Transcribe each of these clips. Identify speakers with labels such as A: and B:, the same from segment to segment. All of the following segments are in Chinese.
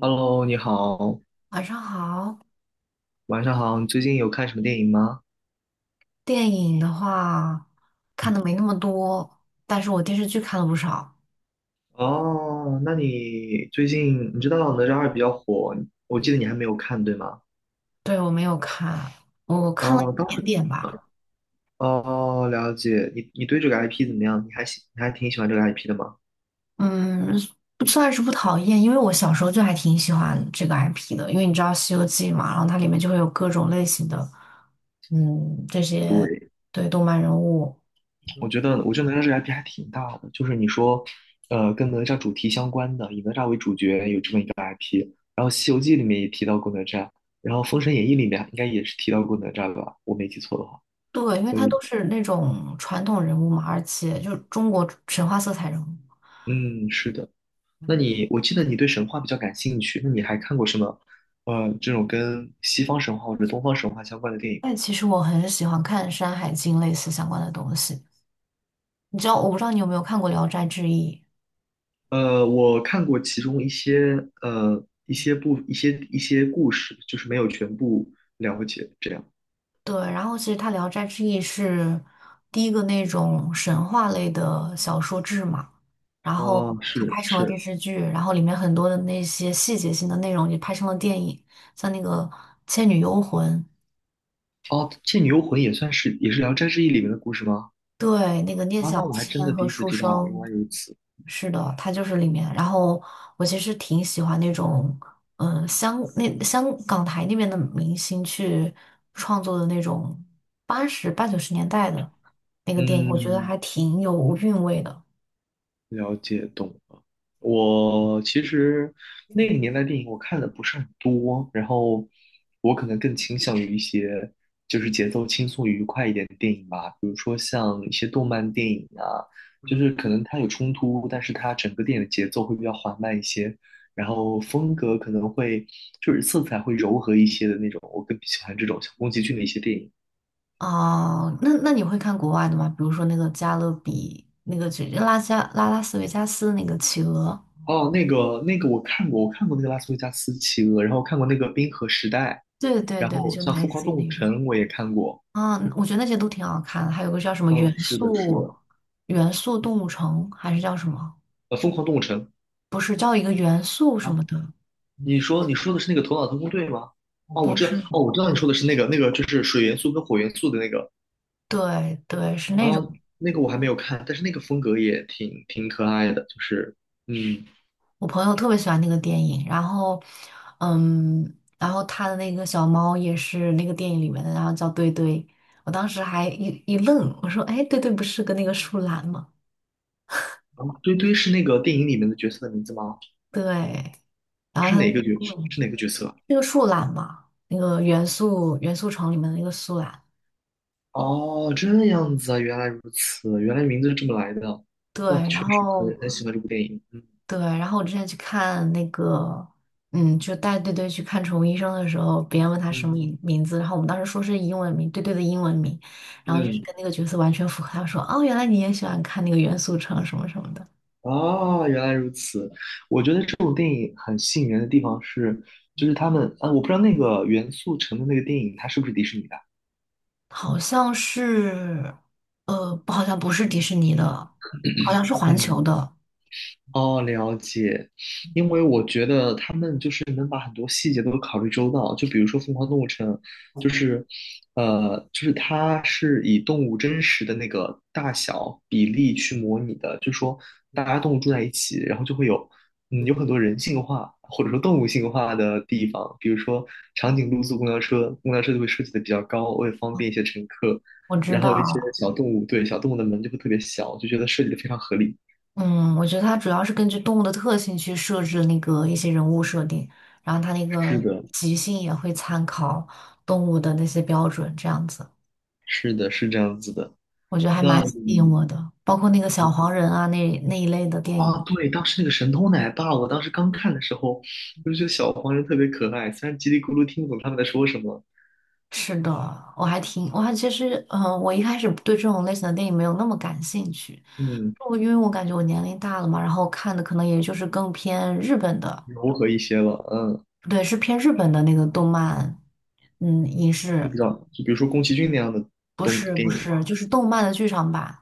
A: Hello，你好，
B: 晚上好。
A: 晚上好。你最近有看什么电影吗？
B: 电影的话看的没那么多，但是我电视剧看了不少。
A: 哦，那你最近你知道《哪吒二》比较火，我记得你还没有看，对吗？
B: 对，我没有看，我看了一
A: 哦，当
B: 点
A: 时，
B: 点吧。
A: 哦，了解。你对这个 IP 怎么样？你还挺喜欢这个 IP 的吗？
B: 嗯，不算是不讨厌，因为我小时候就还挺喜欢这个 IP 的，因为你知道《西游记》嘛，然后它里面就会有各种类型的，这些
A: 对，
B: 对动漫人物，
A: 我觉得哪吒这个 IP 还挺大的，就是你说，跟哪吒主题相关的，以哪吒为主角有这么一个 IP，然后《西游记》里面也提到过哪吒，然后《封神演义》里面应该也是提到过哪吒吧？我没记错的话。
B: 对，因为
A: 所
B: 它
A: 以
B: 都是那种传统人物嘛，而且就是中国神话色彩人物。
A: 嗯，是的。那
B: 嗯，
A: 你，我记得你对神话比较感兴趣，那你还看过什么，这种跟西方神话或者东方神话相关的电影吗？
B: 但其实我很喜欢看《山海经》类似相关的东西。你知道，我不知道你有没有看过《聊斋志异》？
A: 我看过其中一些，一些故事，就是没有全部了解，这样。
B: 对，然后其实它《聊斋志异》是第一个那种神话类的小说志嘛，然后
A: 哦，
B: 它
A: 是
B: 拍成了电
A: 是，
B: 视剧，然后里面很多的那些细节性的内容也拍成了电影，像那个《倩女幽魂》。
A: 哦，《倩女幽魂》也是《聊斋志异》里面的故事吗？
B: 对，那个聂
A: 啊，
B: 小
A: 那我还真的
B: 倩
A: 第
B: 和
A: 一次
B: 书
A: 知道啊，原
B: 生，
A: 来如此。
B: 是的，他就是里面。然后我其实挺喜欢那种，香港台那边的明星去创作的那种八九十年代的那个电影，我觉得
A: 嗯，
B: 还挺有韵味的。
A: 了解懂了。我其实那个年代电影我看的不是很多，然后我可能更倾向于一些就是节奏轻松愉快一点的电影吧，比如说像一些动漫电影啊，就是可能它有冲突，但是它整个电影的节奏会比较缓慢一些，然后风格可能会，就是色彩会柔和一些的那种，我更喜欢这种像宫崎骏的一些电影。
B: 啊，那你会看国外的吗？比如说那个《加勒比》，那个就拉斯维加斯那个企鹅，
A: 哦，那个我看过，我看过那个《拉斯维加斯企鹅》，然后看过那个《冰河时代》。
B: 对对
A: 然
B: 对，
A: 后
B: 就
A: 像
B: 类
A: 《疯狂
B: 似于
A: 动物
B: 那种。
A: 城》我也看过，
B: 啊，我觉得那些都挺好看的，还有个叫什么元
A: 嗯，是的，是
B: 素
A: 的，
B: 元素动物城，还是叫什么？
A: 《疯狂动物城》。
B: 不是叫一个元素什
A: 啊，
B: 么的，
A: 你说的是那个《头脑特工队》吗？哦，我
B: 不
A: 知道，
B: 是，
A: 哦，我知道你说的是那个就是水元素跟火元素的那个。
B: 对对，是
A: 啊，
B: 那种。
A: 那个我还没有看，但是那个风格也挺可爱的，就是嗯，
B: 我朋友特别喜欢那个电影，嗯，然后他的那个小猫也是那个电影里面的，然后叫堆堆。我当时还一愣，我说："哎，堆堆不是跟那个树懒吗？"
A: 啊，堆堆是那个电影里面的角色的名字吗？
B: 对，然后
A: 是
B: 他
A: 哪
B: 就
A: 个角
B: 问
A: 是哪个角色啊？
B: 那个树懒嘛，那个元素城里面的那个树懒。
A: 哦，这样子啊，原来如此，原来名字是这么来的啊，那
B: 对，
A: 确
B: 然
A: 实很
B: 后
A: 很喜欢这部电影。嗯
B: 对，然后我之前去看那个，就带队队去看宠物医生的时候，别人问他什么
A: 嗯
B: 名字，然后我们当时说是英文名，队队的英文名，然后就是
A: 嗯。
B: 跟那个角色完全符合。他说："哦，原来你也喜欢看那个元素城什么什么的，
A: 哦，原来如此。我觉得这种电影很吸引人的地方是，就是他们，啊，我不知道那个《元素城》的那个电影，它是不是迪士尼的？
B: 好像是，不好像不是迪士尼的，好像是 环
A: 嗯。
B: 球的，
A: 哦，了解。因为我觉得他们就是能把很多细节都考虑周到，就比如说《疯狂动物城》，就是，就是它是以动物真实的那个大小比例去模拟的，就是说大家动物住在一起，然后就会有很多人性化或者说动物性化的地方，比如说长颈鹿坐公交车，公交车就会设计的比较高，为了方便一些乘客，
B: 我知
A: 然后一些
B: 道。"
A: 小动物，对，小动物的门就会特别小，就觉得设计的非常合理。
B: 嗯，我觉得它主要是根据动物的特性去设置那个一些人物设定，然后它那
A: 是
B: 个
A: 的，
B: 即兴也会参考动物的那些标准，这样子，
A: 是的，是这样子的。
B: 我觉得还
A: 那
B: 蛮吸引我
A: 你
B: 的。包括那个小黄人啊，那一类的电影。
A: 啊，对，当时那个神偷奶爸，我当时刚看的时候，我就觉得小黄人特别可爱，虽然叽里咕噜听不懂他们在说什么。
B: 是的，我还其实，我一开始对这种类型的电影没有那么感兴趣，
A: 嗯，
B: 因为我感觉我年龄大了嘛，然后看的可能也就是更偏日本的，
A: 柔和一些了。嗯，
B: 对，是偏日本的那个动漫，影
A: 是
B: 视。
A: 比较，就比如说宫崎骏那样的
B: 不
A: 东
B: 是
A: 电
B: 不
A: 影吧。
B: 是，就是动漫的剧场版。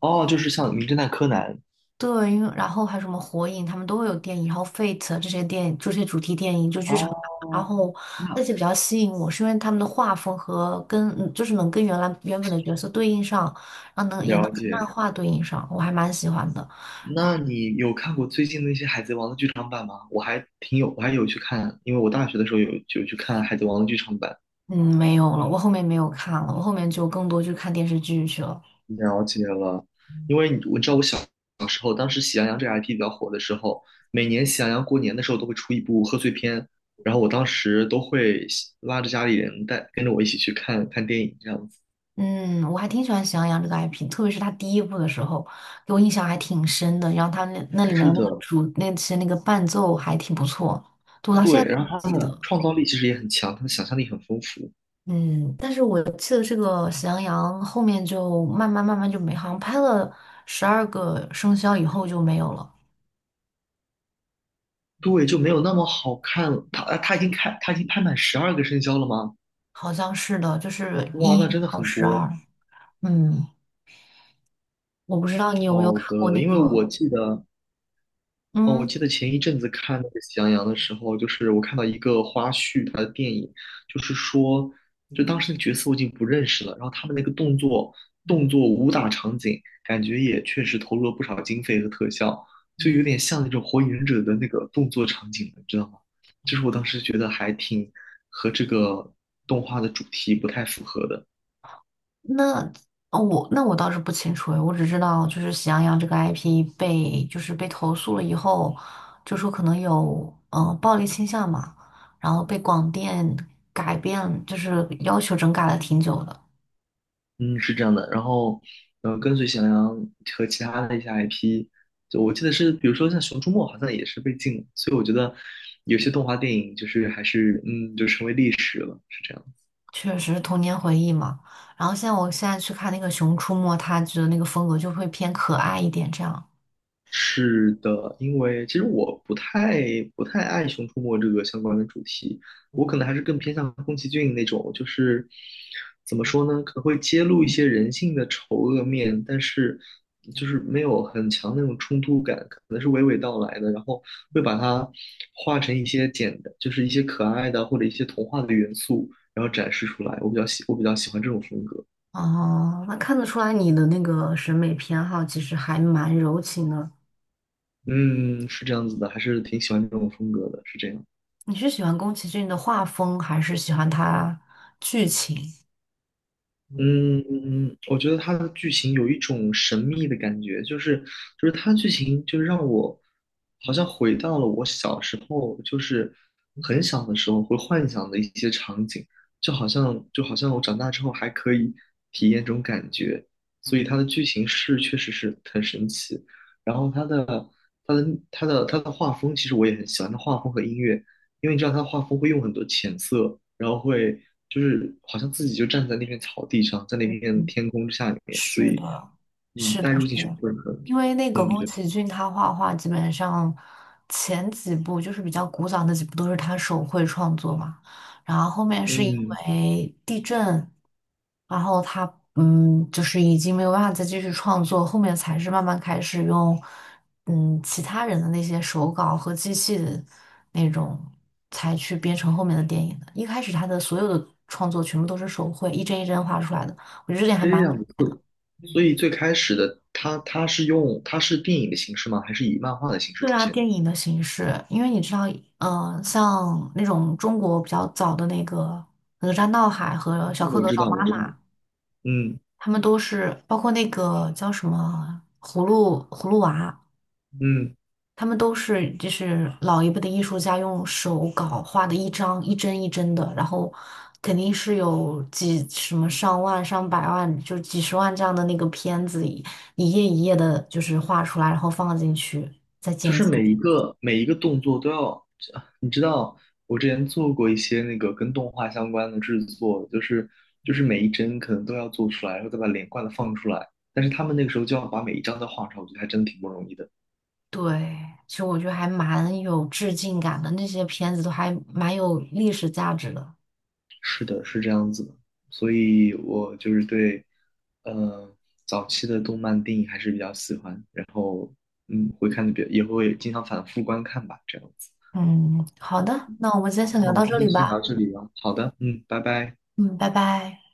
A: 哦，就是像《名侦探柯南》。
B: 对，因为然后还有什么火影，他们都会有电影，然后 Fate 这些电影，这些主题电影就剧场版。然
A: 哦，
B: 后那
A: 那
B: 些比较吸引我，是因为他们的画风跟就是能跟原本的角色对应上，然后也能
A: 了
B: 跟漫
A: 解。
B: 画对应上，我还蛮喜欢的。
A: 那你有看过最近那些《海贼王》的剧场版吗？我还有去看，因为我大学的时候有去看《海贼王》的剧场版。
B: 嗯，没有了，我后面没有看了，我后面就更多去看电视剧去了。
A: 了解了。因为你我知道我小时候，当时《喜羊羊》这个 IP 比较火的时候，每年《喜羊羊》过年的时候都会出一部贺岁片，然后我当时都会拉着家里人跟着我一起去看看电影这样子。
B: 嗯，我还挺喜欢《喜羊羊》这个 IP,特别是它第一部的时候，给我印象还挺深的。然后它那里面
A: 是
B: 的那个
A: 的。
B: 主那些那个伴奏还挺不错，对我到现
A: 对，
B: 在都
A: 然后他
B: 记
A: 们的
B: 得。
A: 创造力其实也很强，他的想象力很丰富。
B: 嗯，但是我记得这个《喜羊羊》后面就慢慢就没，好像拍了12个生肖以后就没有了，
A: 对，就没有那么好看了。他已经拍满十二个生肖了吗？
B: 好像是的，就是
A: 哇，那
B: 一
A: 真的
B: 到
A: 很
B: 十
A: 多。
B: 二。嗯，我不知道你有没有
A: 好
B: 看过
A: 的，
B: 那
A: 因为
B: 个，
A: 我记得哦，我
B: 嗯。
A: 记得前一阵子看那个《喜羊羊》的时候，就是我看到一个花絮，它的电影就是说，就当时的角色我已经不认识了，然后他们那个动作武打场景，感觉也确实投入了不少经费和特效，就有点像那种《火影忍者》的那个动作场景，你知道吗？就是我当时觉得和这个动画的主题不太符合的。
B: 那哦我那我倒是不清楚诶，我只知道就是喜羊羊这个 IP 被就是被投诉了以后，就说可能有暴力倾向嘛，然后被广电改变，就是要求整改了挺久的，
A: 嗯，是这样的。然后，跟随喜羊羊和其他的一些 IP，就我记得是，比如说像《熊出没》，好像也是被禁了。所以我觉得有些动画电影就是还是，就成为历史了。是这样。
B: 确实是童年回忆嘛。然后我现在去看那个《熊出没》，他觉得那个风格就会偏可爱一点这样。
A: 是的，因为其实我不太爱《熊出没》这个相关的主题，我可能还是更偏向宫崎骏那种，就是怎么说呢，可能会揭露一些人性的丑恶面，但是就是没有很强的那种冲突感，可能是娓娓道来的，然后会把它画成一些简单，就是一些可爱的或者一些童话的元素，然后展示出来。我比较喜欢这种风格。
B: 哦，那看得出来你的那个审美偏好其实还蛮柔情的。
A: 嗯，是这样子的，还是挺喜欢这种风格的，是这样。
B: 你是喜欢宫崎骏的画风，还是喜欢他剧情？
A: 嗯我觉得它的剧情有一种神秘的感觉，就是它的剧情就让我好像回到了我小时候，就是很小的时候会幻想的一些场景，就好像我长大之后还可以体验这种感觉，所以它的剧情是确实是很神奇，然后它的它的画风，其实我也很喜欢，它画风和音乐。因为你知道他画风会用很多浅色，然后会就是好像自己就站在那片草地上，在那
B: 嗯，
A: 片天空之下里面，所
B: 是
A: 以
B: 的，是
A: 带
B: 的，
A: 入
B: 是
A: 进去
B: 的，
A: 会很，
B: 因为那个
A: 嗯，
B: 宫
A: 对，
B: 崎骏他画画基本上前几部就是比较古早的几部都是他手绘创作嘛，然后后面是因
A: 嗯，
B: 为地震，然后他就是已经没有办法再继续创作，后面才是慢慢开始用其他人的那些手稿和机器的那种才去编成后面的电影的，一开始他的所有的创作全部都是手绘，一帧一帧画出来的。我觉得这点还
A: 这
B: 蛮。
A: 样子，所以最开始的他是电影的形式吗？还是以漫画的形式
B: 对
A: 出
B: 啊，
A: 现的？
B: 电影的形式，因为你知道，像那种中国比较早的那个《哪吒闹海》和《小蝌
A: 我
B: 蚪
A: 知
B: 找
A: 道，我
B: 妈
A: 知
B: 妈》，
A: 道，嗯
B: 他们都是包括那个叫什么《葫芦娃》，
A: 嗯。
B: 他们都是就是老一辈的艺术家用手稿画的一张一帧一帧的，然后肯定是有几什么上万、上百万，就几十万这样的那个片子，一页一页的，就是画出来，然后放进去再
A: 就
B: 剪
A: 是
B: 辑。
A: 每一个每一个动作都要，啊你知道，我之前做过一些那个跟动画相关的制作，就是每一帧可能都要做出来，然后再把连贯的放出来。但是他们那个时候就要把每一张都画出来，我觉得还真挺不容易的。
B: 对，其实我觉得还蛮有致敬感的，那些片子都还蛮有历史价值的。
A: 是的，是这样子的。所以我就是对，呃，早期的动漫电影还是比较喜欢，嗯，会看的比较，也会经常反复观看吧，这样子。
B: 嗯，好的，那我们今天
A: 好，
B: 先
A: 那
B: 聊
A: 我
B: 到
A: 们今
B: 这里
A: 天先聊到
B: 吧。
A: 这里了。好的，嗯，拜拜。
B: 嗯，拜拜。